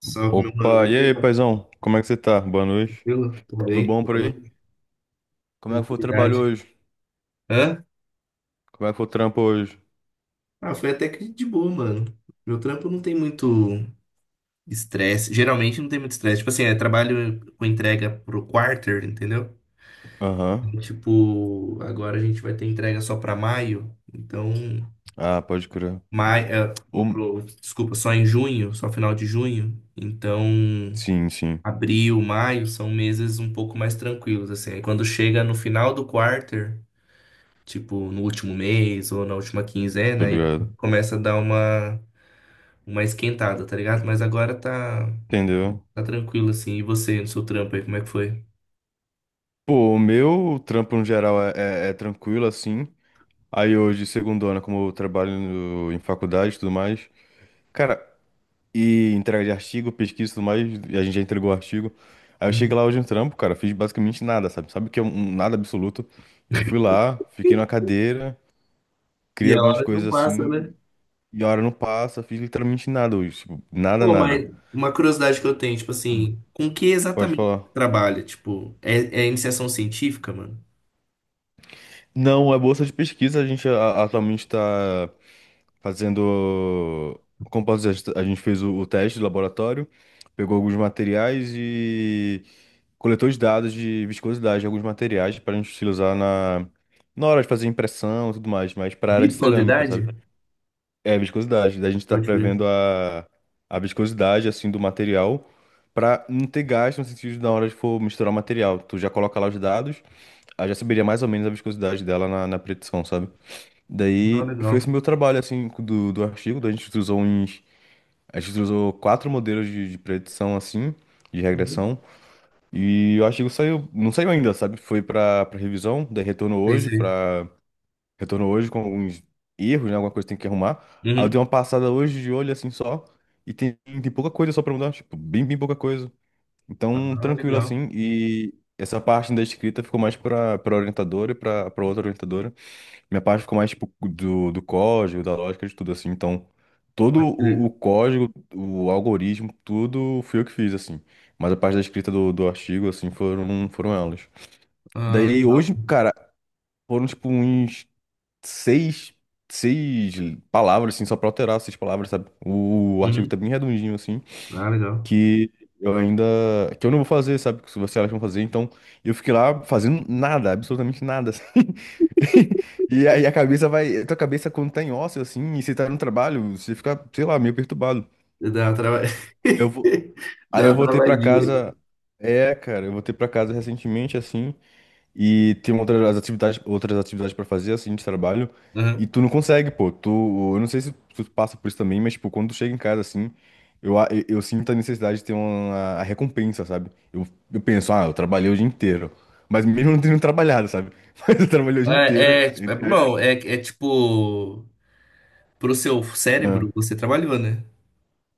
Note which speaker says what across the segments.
Speaker 1: Salve, meu mano,
Speaker 2: Opa, e aí,
Speaker 1: beleza?
Speaker 2: paizão? Como é que você tá? Boa noite.
Speaker 1: Tranquilo? Tudo
Speaker 2: Tudo
Speaker 1: bem?
Speaker 2: bom por
Speaker 1: Boa
Speaker 2: aí?
Speaker 1: noite,
Speaker 2: Como é que foi o trabalho
Speaker 1: tranquilidade.
Speaker 2: hoje?
Speaker 1: Hã?
Speaker 2: Como é que foi o trampo hoje?
Speaker 1: Ah, foi até que de boa, mano. Meu trampo não tem muito estresse. Geralmente não tem muito estresse. Tipo assim, é trabalho com entrega pro quarter, entendeu?
Speaker 2: Aham.
Speaker 1: Tipo, agora a gente vai ter entrega só pra maio. Então,
Speaker 2: Ah, pode crer.
Speaker 1: maio, é,
Speaker 2: O...
Speaker 1: desculpa, só em junho, só final de junho. Então,
Speaker 2: Sim, sim.
Speaker 1: abril, maio são meses um pouco mais tranquilos, assim. Aí quando chega no final do quarter, tipo, no último mês ou na última
Speaker 2: Tô
Speaker 1: quinzena, e
Speaker 2: ligado.
Speaker 1: começa a dar uma esquentada, tá ligado? Mas agora tá,
Speaker 2: Entendeu?
Speaker 1: tá tranquilo, assim. E você, no seu trampo aí, como é que foi?
Speaker 2: Pô, o meu trampo no geral é tranquilo, assim. Aí hoje, segundona, como eu trabalho em faculdade e tudo mais. Cara, e entrega de artigo, pesquisa e tudo mais, e a gente já entregou o artigo. Aí eu cheguei
Speaker 1: Uhum.
Speaker 2: lá hoje no trampo, cara, fiz basicamente nada, sabe? Sabe o que é um nada absoluto? Eu fui lá, fiquei na cadeira. Cria
Speaker 1: E a
Speaker 2: algumas
Speaker 1: hora não
Speaker 2: coisas
Speaker 1: passa,
Speaker 2: assim
Speaker 1: né?
Speaker 2: e a hora não passa, fiz literalmente nada hoje, tipo, nada,
Speaker 1: Pô,
Speaker 2: nada.
Speaker 1: mas uma curiosidade que eu tenho, tipo assim, com que
Speaker 2: Pode
Speaker 1: exatamente
Speaker 2: falar.
Speaker 1: você trabalha? Tipo, é, é iniciação científica, mano?
Speaker 2: Não, é bolsa de pesquisa, a gente atualmente está fazendo, como posso dizer, a gente fez o teste do laboratório, pegou alguns materiais e coletou os dados de viscosidade de alguns materiais para a gente utilizar na hora de fazer impressão e tudo mais, mas para a área de cerâmica,
Speaker 1: Viscosidade?
Speaker 2: sabe? É, viscosidade. Daí a gente tá
Speaker 1: Pode crer.
Speaker 2: prevendo a viscosidade, assim, do material pra não ter gasto no sentido de na hora de for misturar o material. Tu já coloca lá os dados, aí já saberia mais ou menos a viscosidade dela na predição, sabe?
Speaker 1: Ah,
Speaker 2: Daí foi esse
Speaker 1: legal.
Speaker 2: meu trabalho, assim, do artigo. Daí a gente usou uns... A gente usou quatro modelos de predição, assim, de
Speaker 1: Uhum.
Speaker 2: regressão. E o artigo saiu... Não saiu ainda, sabe? Foi pra revisão, daí retornou
Speaker 1: Sei,
Speaker 2: hoje
Speaker 1: sei.
Speaker 2: pra... Retornou hoje com alguns erros, né? Alguma coisa que tem que arrumar. Aí eu dei
Speaker 1: Uhum.
Speaker 2: uma passada hoje de olho assim só. E tem, tem pouca coisa só pra mudar, tipo, bem, bem pouca coisa. Então,
Speaker 1: Ah,
Speaker 2: tranquilo
Speaker 1: legal.
Speaker 2: assim. E essa parte da escrita ficou mais pra orientadora e pra outra orientadora. Minha parte ficou mais, tipo, do código, da lógica, de tudo assim. Então, todo
Speaker 1: Pode
Speaker 2: o
Speaker 1: crer.
Speaker 2: código, o algoritmo, tudo fui eu que fiz, assim. Mas a parte da escrita do artigo, assim, foram elas.
Speaker 1: Ah,
Speaker 2: Daí
Speaker 1: legal.
Speaker 2: hoje, cara, foram, tipo, uns seis, seis palavras, assim, só pra alterar seis palavras, sabe? Artigo
Speaker 1: Uhum.
Speaker 2: tá bem redondinho, assim,
Speaker 1: Ah, legal.
Speaker 2: que eu ainda, que eu não vou fazer, sabe? Que se vocês elas vão fazer, então eu fiquei lá fazendo nada, absolutamente nada, assim. E aí a cabeça vai, a tua cabeça quando tá em ócio, assim, e você tá no trabalho, você fica, sei lá, meio perturbado.
Speaker 1: Dá uma trava...
Speaker 2: eu vou, Aí
Speaker 1: Dá
Speaker 2: eu
Speaker 1: uma
Speaker 2: voltei pra
Speaker 1: travadinha.
Speaker 2: casa, cara, eu voltei pra casa recentemente, assim, e tem outras atividades para fazer, assim, de trabalho. E
Speaker 1: Aham.
Speaker 2: tu não consegue, pô. Tu, eu não sei se tu passa por isso também, mas, tipo, quando tu chega em casa, assim, eu sinto a necessidade de ter uma a recompensa, sabe? Eu penso, ah, eu trabalhei o dia inteiro. Mas mesmo não tendo trabalhado, sabe? Mas eu trabalhei o dia inteiro,
Speaker 1: É, é, tipo,
Speaker 2: entre
Speaker 1: não,
Speaker 2: aspas.
Speaker 1: é, é tipo, pro seu cérebro,
Speaker 2: Ah.
Speaker 1: você trabalhou, né?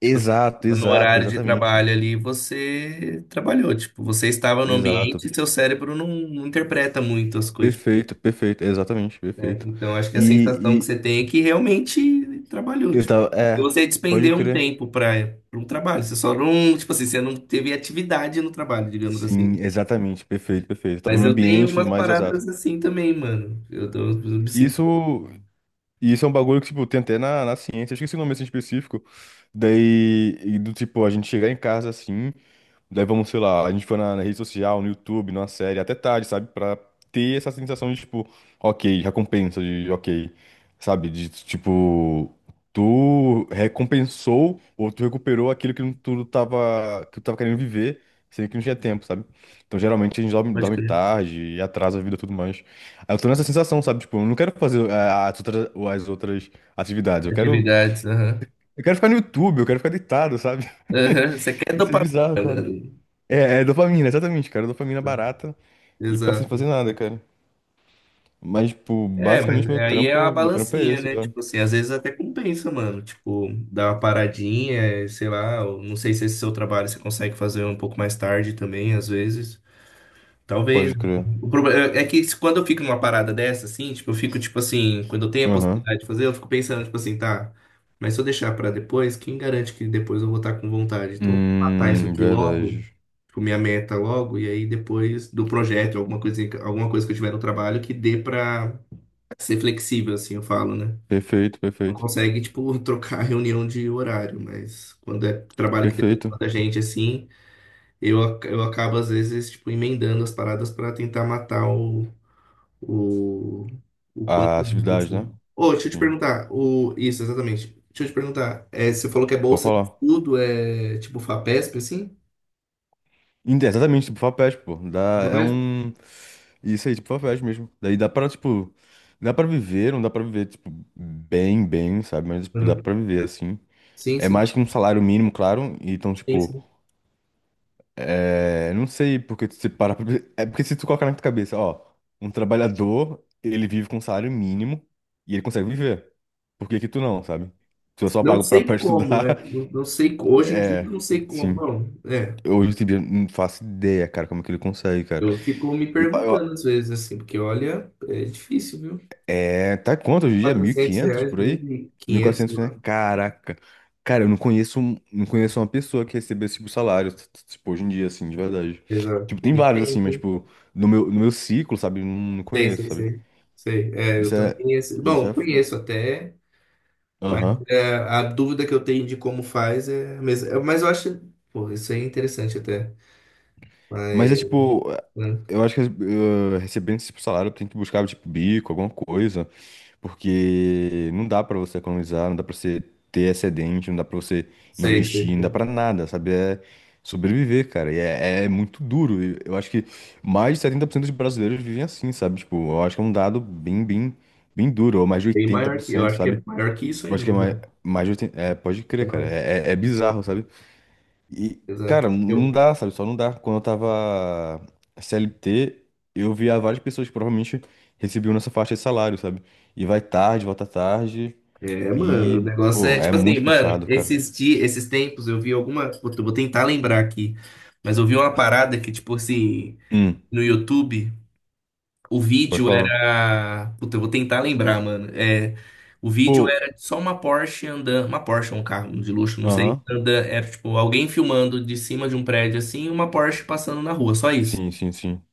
Speaker 1: Tipo,
Speaker 2: Exato,
Speaker 1: no
Speaker 2: exato,
Speaker 1: horário de
Speaker 2: exatamente.
Speaker 1: trabalho ali, você trabalhou. Tipo, você estava no ambiente
Speaker 2: Exato.
Speaker 1: e seu cérebro não, não interpreta muito as coisas,
Speaker 2: Perfeito, perfeito, exatamente,
Speaker 1: né?
Speaker 2: perfeito.
Speaker 1: Então, acho que a sensação
Speaker 2: E,
Speaker 1: que
Speaker 2: e
Speaker 1: você tem é que realmente trabalhou,
Speaker 2: eu
Speaker 1: tipo.
Speaker 2: tava,
Speaker 1: E você
Speaker 2: pode
Speaker 1: despendeu um
Speaker 2: crer.
Speaker 1: tempo para um trabalho. Você só não, tipo assim, você não teve atividade no trabalho, digamos assim.
Speaker 2: Sim, exatamente. Perfeito, perfeito. Tava
Speaker 1: Mas
Speaker 2: no
Speaker 1: eu tenho
Speaker 2: ambiente e tudo
Speaker 1: umas
Speaker 2: mais, exato.
Speaker 1: paradas assim também, mano. Eu me sinto,
Speaker 2: Isso, isso é um bagulho que, tipo, tem até na ciência. Eu esqueci o nome assim específico. Daí, e do tipo, a gente chegar em casa assim. Daí vamos, sei lá, a gente foi na rede social, no YouTube, numa série, até tarde, sabe? Pra ter essa sensação de, tipo, ok, recompensa, de ok, sabe? De, tipo, tu recompensou ou tu recuperou aquilo que tu tava querendo viver, sendo que não tinha tempo, sabe? Então, geralmente, a gente dorme,
Speaker 1: pode
Speaker 2: dorme
Speaker 1: crer.
Speaker 2: tarde e atrasa a vida e tudo mais. Aí eu tô nessa sensação, sabe? Tipo, eu não quero fazer as outras atividades, eu quero,
Speaker 1: Atividades, aham.
Speaker 2: eu quero ficar no YouTube, eu quero ficar deitado, sabe?
Speaker 1: Aham, você quer
Speaker 2: Isso é
Speaker 1: dopamina?
Speaker 2: bizarro, cara. É dopamina, exatamente, cara. Dopamina barata e ficar sem fazer
Speaker 1: Exato.
Speaker 2: nada, cara. Mas, tipo,
Speaker 1: É,
Speaker 2: basicamente
Speaker 1: mas
Speaker 2: meu
Speaker 1: aí é uma
Speaker 2: trampo, meu trampo é
Speaker 1: balancinha,
Speaker 2: esse,
Speaker 1: né?
Speaker 2: já.
Speaker 1: Tipo assim, às vezes até compensa, mano. Tipo, dar uma paradinha, sei lá. Eu não sei se esse seu trabalho você consegue fazer um pouco mais tarde também, às vezes. Talvez.
Speaker 2: Pode crer.
Speaker 1: O problema é é que se- quando eu fico numa parada dessa, assim, tipo, eu fico, tipo assim, quando eu tenho a
Speaker 2: Aham.
Speaker 1: possibilidade de fazer, eu fico pensando, tipo assim, tá, mas se eu deixar pra depois, quem garante que depois eu vou estar com vontade? Então, matar isso aqui logo,
Speaker 2: Verdade.
Speaker 1: tipo, minha meta logo, e aí depois do projeto, alguma coisa que eu tiver no trabalho que dê pra ser flexível, assim, eu falo, né?
Speaker 2: Perfeito,
Speaker 1: Não
Speaker 2: perfeito.
Speaker 1: consegue, tipo, trocar a reunião de horário, mas quando é trabalho que depende
Speaker 2: Perfeito.
Speaker 1: da gente, assim, eu acabo, às vezes, tipo, emendando as paradas pra tentar matar o, o quanto
Speaker 2: A
Speaker 1: antes,
Speaker 2: atividade, né?
Speaker 1: assim. Ô, deixa eu te
Speaker 2: Sim.
Speaker 1: perguntar, o, isso, exatamente. Deixa eu te perguntar, é, você falou que é
Speaker 2: Pode
Speaker 1: bolsa de
Speaker 2: falar.
Speaker 1: estudo, é tipo FAPESP, assim?
Speaker 2: Exatamente, tipo, Fapest, pô. Dá, é
Speaker 1: FAPESP?
Speaker 2: um. Isso aí, tipo, Fapest mesmo. Daí dá pra, tipo. Dá pra viver, não dá pra viver, tipo, bem, bem, sabe? Mas, tipo, dá
Speaker 1: Uhum.
Speaker 2: pra viver assim.
Speaker 1: Sim,
Speaker 2: É
Speaker 1: sim,
Speaker 2: mais que um salário mínimo, claro. E então,
Speaker 1: sim,
Speaker 2: tipo.
Speaker 1: sim.
Speaker 2: É, não sei porque se para, pra... É porque se tu colocar na tua cabeça, ó, um trabalhador, ele vive com um salário mínimo e ele consegue viver. Por que que tu não, sabe? Se eu só
Speaker 1: Não
Speaker 2: pago pra,
Speaker 1: sei
Speaker 2: pra
Speaker 1: como,
Speaker 2: estudar,
Speaker 1: é, não, não sei, hoje em dia
Speaker 2: é,
Speaker 1: eu não sei como,
Speaker 2: sim.
Speaker 1: bom, é,
Speaker 2: Hoje em dia não faço ideia, cara, como é que ele consegue, cara.
Speaker 1: eu fico me perguntando às vezes, assim, porque olha, é difícil, viu? mil
Speaker 2: É, tá quanto
Speaker 1: e
Speaker 2: hoje em dia? mil e
Speaker 1: quatrocentos
Speaker 2: quinhentos
Speaker 1: reais,
Speaker 2: por aí? mil e
Speaker 1: 1.500,
Speaker 2: quatrocentos né?
Speaker 1: lá.
Speaker 2: Caraca. Cara, eu não conheço, não conheço uma pessoa que recebeu esse tipo de salário, tipo, hoje em dia, assim, de verdade. Tipo,
Speaker 1: Exato.
Speaker 2: tem
Speaker 1: E
Speaker 2: vários,
Speaker 1: tem,
Speaker 2: assim, mas,
Speaker 1: viu?
Speaker 2: tipo, no meu ciclo, sabe? Eu não, não
Speaker 1: Sei,
Speaker 2: conheço,
Speaker 1: sei,
Speaker 2: sabe?
Speaker 1: sei. Sei, é, eu
Speaker 2: Isso é.
Speaker 1: também, assim,
Speaker 2: Isso
Speaker 1: bom,
Speaker 2: é.
Speaker 1: conheço até, mas
Speaker 2: Aham.
Speaker 1: é, a dúvida que eu tenho de como faz é a mesma. É, mas eu acho, pô, isso aí é interessante até.
Speaker 2: Mas é
Speaker 1: Mas,
Speaker 2: tipo.
Speaker 1: né?
Speaker 2: Eu acho que recebendo esse tipo de salário, tem que buscar, tipo, bico, alguma coisa. Porque não dá pra você economizar, não dá pra você ter excedente, não dá pra você
Speaker 1: Sei, sei,
Speaker 2: investir, não dá
Speaker 1: sei.
Speaker 2: pra nada, sabe? É sobreviver, cara. E é muito duro. E eu acho que mais de 70% dos brasileiros vivem assim, sabe? Tipo, eu acho que é um dado bem, bem, bem duro, ou mais de
Speaker 1: Bem
Speaker 2: oitenta por
Speaker 1: maior que, eu
Speaker 2: cento,
Speaker 1: acho que é
Speaker 2: sabe?
Speaker 1: maior que isso
Speaker 2: Eu acho que é
Speaker 1: ainda,
Speaker 2: mais,
Speaker 1: né?
Speaker 2: mais de 80%. É, pode
Speaker 1: É
Speaker 2: crer, cara.
Speaker 1: mais.
Speaker 2: É bizarro, sabe? E, cara,
Speaker 1: Exato.
Speaker 2: não
Speaker 1: Eu,
Speaker 2: dá, sabe? Só não dá. Quando eu tava CLT, eu via várias pessoas que provavelmente recebiam nessa faixa de salário, sabe? E vai tarde, volta tarde.
Speaker 1: é, mano, o
Speaker 2: E,
Speaker 1: negócio
Speaker 2: pô,
Speaker 1: é
Speaker 2: é
Speaker 1: tipo assim,
Speaker 2: muito
Speaker 1: mano,
Speaker 2: puxado, cara.
Speaker 1: esses dias, esses tempos eu vi alguma. Vou vou tentar lembrar aqui, mas eu vi uma parada que, tipo assim,
Speaker 2: Hum,
Speaker 1: no YouTube. O
Speaker 2: Pode
Speaker 1: vídeo
Speaker 2: falar.
Speaker 1: era... Puta, eu vou tentar lembrar, mano. É, o vídeo
Speaker 2: Pô,
Speaker 1: era só uma Porsche andando. Uma Porsche, um carro de luxo, não sei.
Speaker 2: aham.
Speaker 1: Anda, era tipo alguém filmando de cima de um prédio assim e uma Porsche passando na rua, só isso.
Speaker 2: Sim, sim, sim.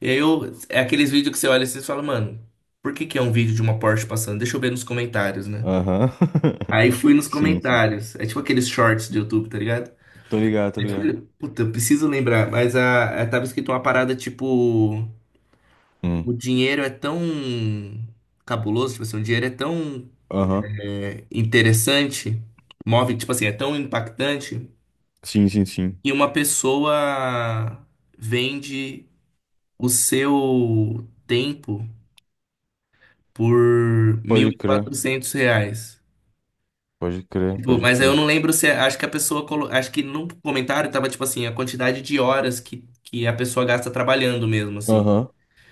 Speaker 1: E aí eu, é aqueles vídeos que você olha e você fala, mano, por que que é um vídeo de uma Porsche passando? Deixa eu ver nos comentários, né?
Speaker 2: Aham.
Speaker 1: Aí fui nos
Speaker 2: Sim, sim.
Speaker 1: comentários. É tipo aqueles shorts do YouTube, tá ligado?
Speaker 2: Tô ligado, tô ligado.
Speaker 1: Puta, eu preciso lembrar, mas tava escrito uma parada tipo. O
Speaker 2: Hum,
Speaker 1: dinheiro é tão cabuloso, tipo assim, o dinheiro é tão
Speaker 2: aham.
Speaker 1: é, interessante, move, tipo assim, é tão impactante,
Speaker 2: Sim, sim, sim.
Speaker 1: que uma pessoa vende o seu tempo por mil
Speaker 2: Pode
Speaker 1: e
Speaker 2: crer,
Speaker 1: quatrocentos reais.
Speaker 2: pode crer,
Speaker 1: Tipo,
Speaker 2: pode
Speaker 1: mas eu
Speaker 2: crer.
Speaker 1: não lembro se, é, acho que a pessoa, acho que no comentário tava, tipo assim, a quantidade de horas que a pessoa gasta trabalhando mesmo, assim.
Speaker 2: Aham.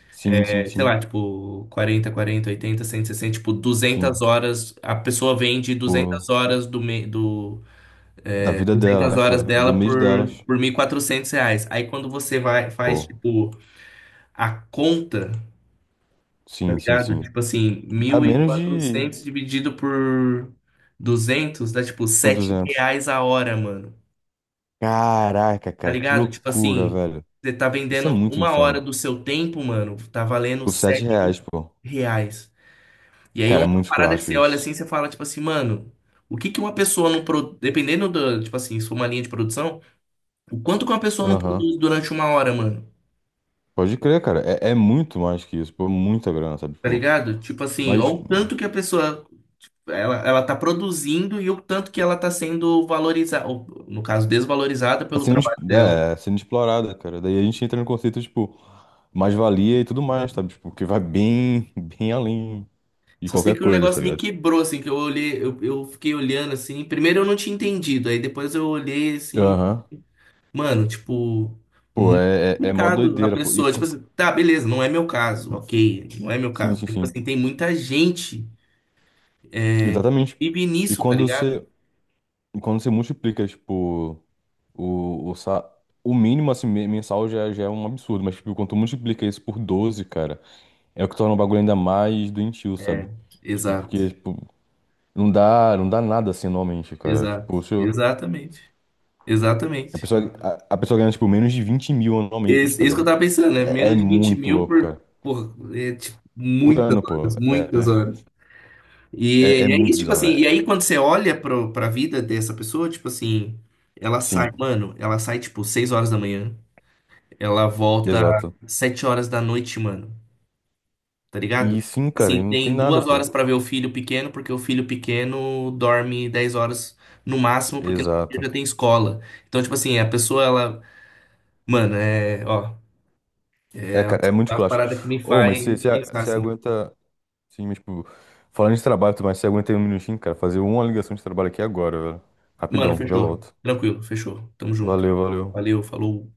Speaker 2: Sim, sim,
Speaker 1: Sei
Speaker 2: sim.
Speaker 1: lá, tipo, 40, 40, 80, 60 tipo, duzentas
Speaker 2: Sim.
Speaker 1: horas, a pessoa vende duzentas
Speaker 2: Pô,
Speaker 1: horas do
Speaker 2: da vida dela,
Speaker 1: 200
Speaker 2: né,
Speaker 1: horas
Speaker 2: cara? Do
Speaker 1: dela
Speaker 2: mês delas.
Speaker 1: por R$ 1.400. Aí quando você vai, faz,
Speaker 2: Pô,
Speaker 1: tipo, a conta, tá
Speaker 2: sim, sim,
Speaker 1: ligado?
Speaker 2: sim.
Speaker 1: Tipo assim,
Speaker 2: Dá
Speaker 1: mil e
Speaker 2: menos de,
Speaker 1: quatrocentos dividido por 200 dá, tipo,
Speaker 2: por
Speaker 1: 7
Speaker 2: 200.
Speaker 1: reais a hora, mano.
Speaker 2: Caraca,
Speaker 1: Tá
Speaker 2: cara, que
Speaker 1: ligado? Tipo
Speaker 2: loucura,
Speaker 1: assim,
Speaker 2: velho.
Speaker 1: você tá
Speaker 2: Isso
Speaker 1: vendendo
Speaker 2: é muito
Speaker 1: uma hora
Speaker 2: insano.
Speaker 1: do seu tempo, mano, tá valendo
Speaker 2: Por 7
Speaker 1: sete
Speaker 2: reais, pô.
Speaker 1: reais. E aí é
Speaker 2: Cara, é
Speaker 1: uma
Speaker 2: muito
Speaker 1: parada que
Speaker 2: esculacho
Speaker 1: você olha
Speaker 2: isso.
Speaker 1: assim, você fala, tipo assim, mano, o que que uma pessoa não produz, dependendo do, tipo assim, se for uma linha de produção, o quanto que uma pessoa não
Speaker 2: Aham.
Speaker 1: produz durante uma hora, mano,
Speaker 2: Pode crer, cara. É, é muito mais que isso, pô. Muita grana, sabe,
Speaker 1: tá
Speaker 2: pô.
Speaker 1: ligado? Tipo assim, ó
Speaker 2: Mas
Speaker 1: o tanto que a pessoa, ela tá produzindo e o tanto que ela tá sendo valorizada, ou, no caso, desvalorizada
Speaker 2: tá
Speaker 1: pelo
Speaker 2: sendo,
Speaker 1: trabalho dela.
Speaker 2: é, sendo explorada, cara. Daí a gente entra no conceito, tipo, mais-valia e tudo mais, sabe? Tipo, que vai bem, bem além de
Speaker 1: Só sei
Speaker 2: qualquer
Speaker 1: que o
Speaker 2: coisa, tá
Speaker 1: negócio me
Speaker 2: ligado?
Speaker 1: quebrou, assim, que eu olhei, eu fiquei olhando assim, primeiro eu não tinha entendido, aí depois eu olhei assim.
Speaker 2: Aham.
Speaker 1: Mano, tipo,
Speaker 2: Pô,
Speaker 1: muito
Speaker 2: é mó
Speaker 1: complicado a
Speaker 2: doideira, pô. E
Speaker 1: pessoa. Tipo assim, tá, beleza, não é meu caso, ok, não é meu
Speaker 2: sim,
Speaker 1: caso.
Speaker 2: sim,
Speaker 1: Mas, tipo assim,
Speaker 2: sim.
Speaker 1: tem muita gente que
Speaker 2: Exatamente.
Speaker 1: vive
Speaker 2: E
Speaker 1: nisso, tá
Speaker 2: quando
Speaker 1: ligado?
Speaker 2: você, e quando você multiplica, tipo, o, o, sa- o mínimo assim, mensal já, já é um absurdo, mas tipo, quando tu multiplica isso por 12 cara, é o que torna o bagulho ainda mais doentio, sabe? Tipo,
Speaker 1: Exato,
Speaker 2: porque, tipo, não dá, não dá nada assim anualmente, cara.
Speaker 1: exato,
Speaker 2: Tipo, se eu-
Speaker 1: exatamente,
Speaker 2: a
Speaker 1: exatamente.
Speaker 2: pessoa, a pessoa ganha, tipo, menos de 20.000 anualmente,
Speaker 1: Isso,
Speaker 2: tá
Speaker 1: isso que eu
Speaker 2: ligado?
Speaker 1: tava pensando, né?
Speaker 2: É
Speaker 1: Menos de 20
Speaker 2: muito
Speaker 1: mil
Speaker 2: louco, cara.
Speaker 1: por é, tipo,
Speaker 2: Por
Speaker 1: muitas
Speaker 2: ano, pô.
Speaker 1: horas, muitas
Speaker 2: É,
Speaker 1: horas.
Speaker 2: é, é
Speaker 1: E é
Speaker 2: muito
Speaker 1: isso, tipo
Speaker 2: bizarro.
Speaker 1: assim,
Speaker 2: É.
Speaker 1: e aí quando você olha pro, pra vida dessa pessoa, tipo assim, ela sai,
Speaker 2: Sim,
Speaker 1: mano, ela sai, tipo, 6 horas da manhã. Ela volta
Speaker 2: exato.
Speaker 1: 7 horas da noite, mano. Tá
Speaker 2: E
Speaker 1: ligado?
Speaker 2: sim, cara, e
Speaker 1: Assim,
Speaker 2: não tem
Speaker 1: tem
Speaker 2: nada,
Speaker 1: duas
Speaker 2: pô.
Speaker 1: horas pra ver o filho pequeno, porque o filho pequeno dorme 10 horas no máximo, porque no dia
Speaker 2: Exato.
Speaker 1: já tem escola. Então, tipo assim, a pessoa, ela... Mano, é. Ó.
Speaker 2: É,
Speaker 1: É
Speaker 2: cara, é muito
Speaker 1: uma
Speaker 2: clássico.
Speaker 1: parada que me
Speaker 2: Ô, mas você
Speaker 1: faz
Speaker 2: você-
Speaker 1: pensar
Speaker 2: você
Speaker 1: assim.
Speaker 2: aguenta. Sim, mas, tipo, falando de trabalho, mas você aguenta aí um minutinho, cara, fazer uma ligação de trabalho aqui agora, velho.
Speaker 1: Mano,
Speaker 2: Rapidão, já
Speaker 1: fechou.
Speaker 2: volto.
Speaker 1: Tranquilo, fechou. Tamo junto.
Speaker 2: Valeu, valeu.
Speaker 1: Valeu, falou.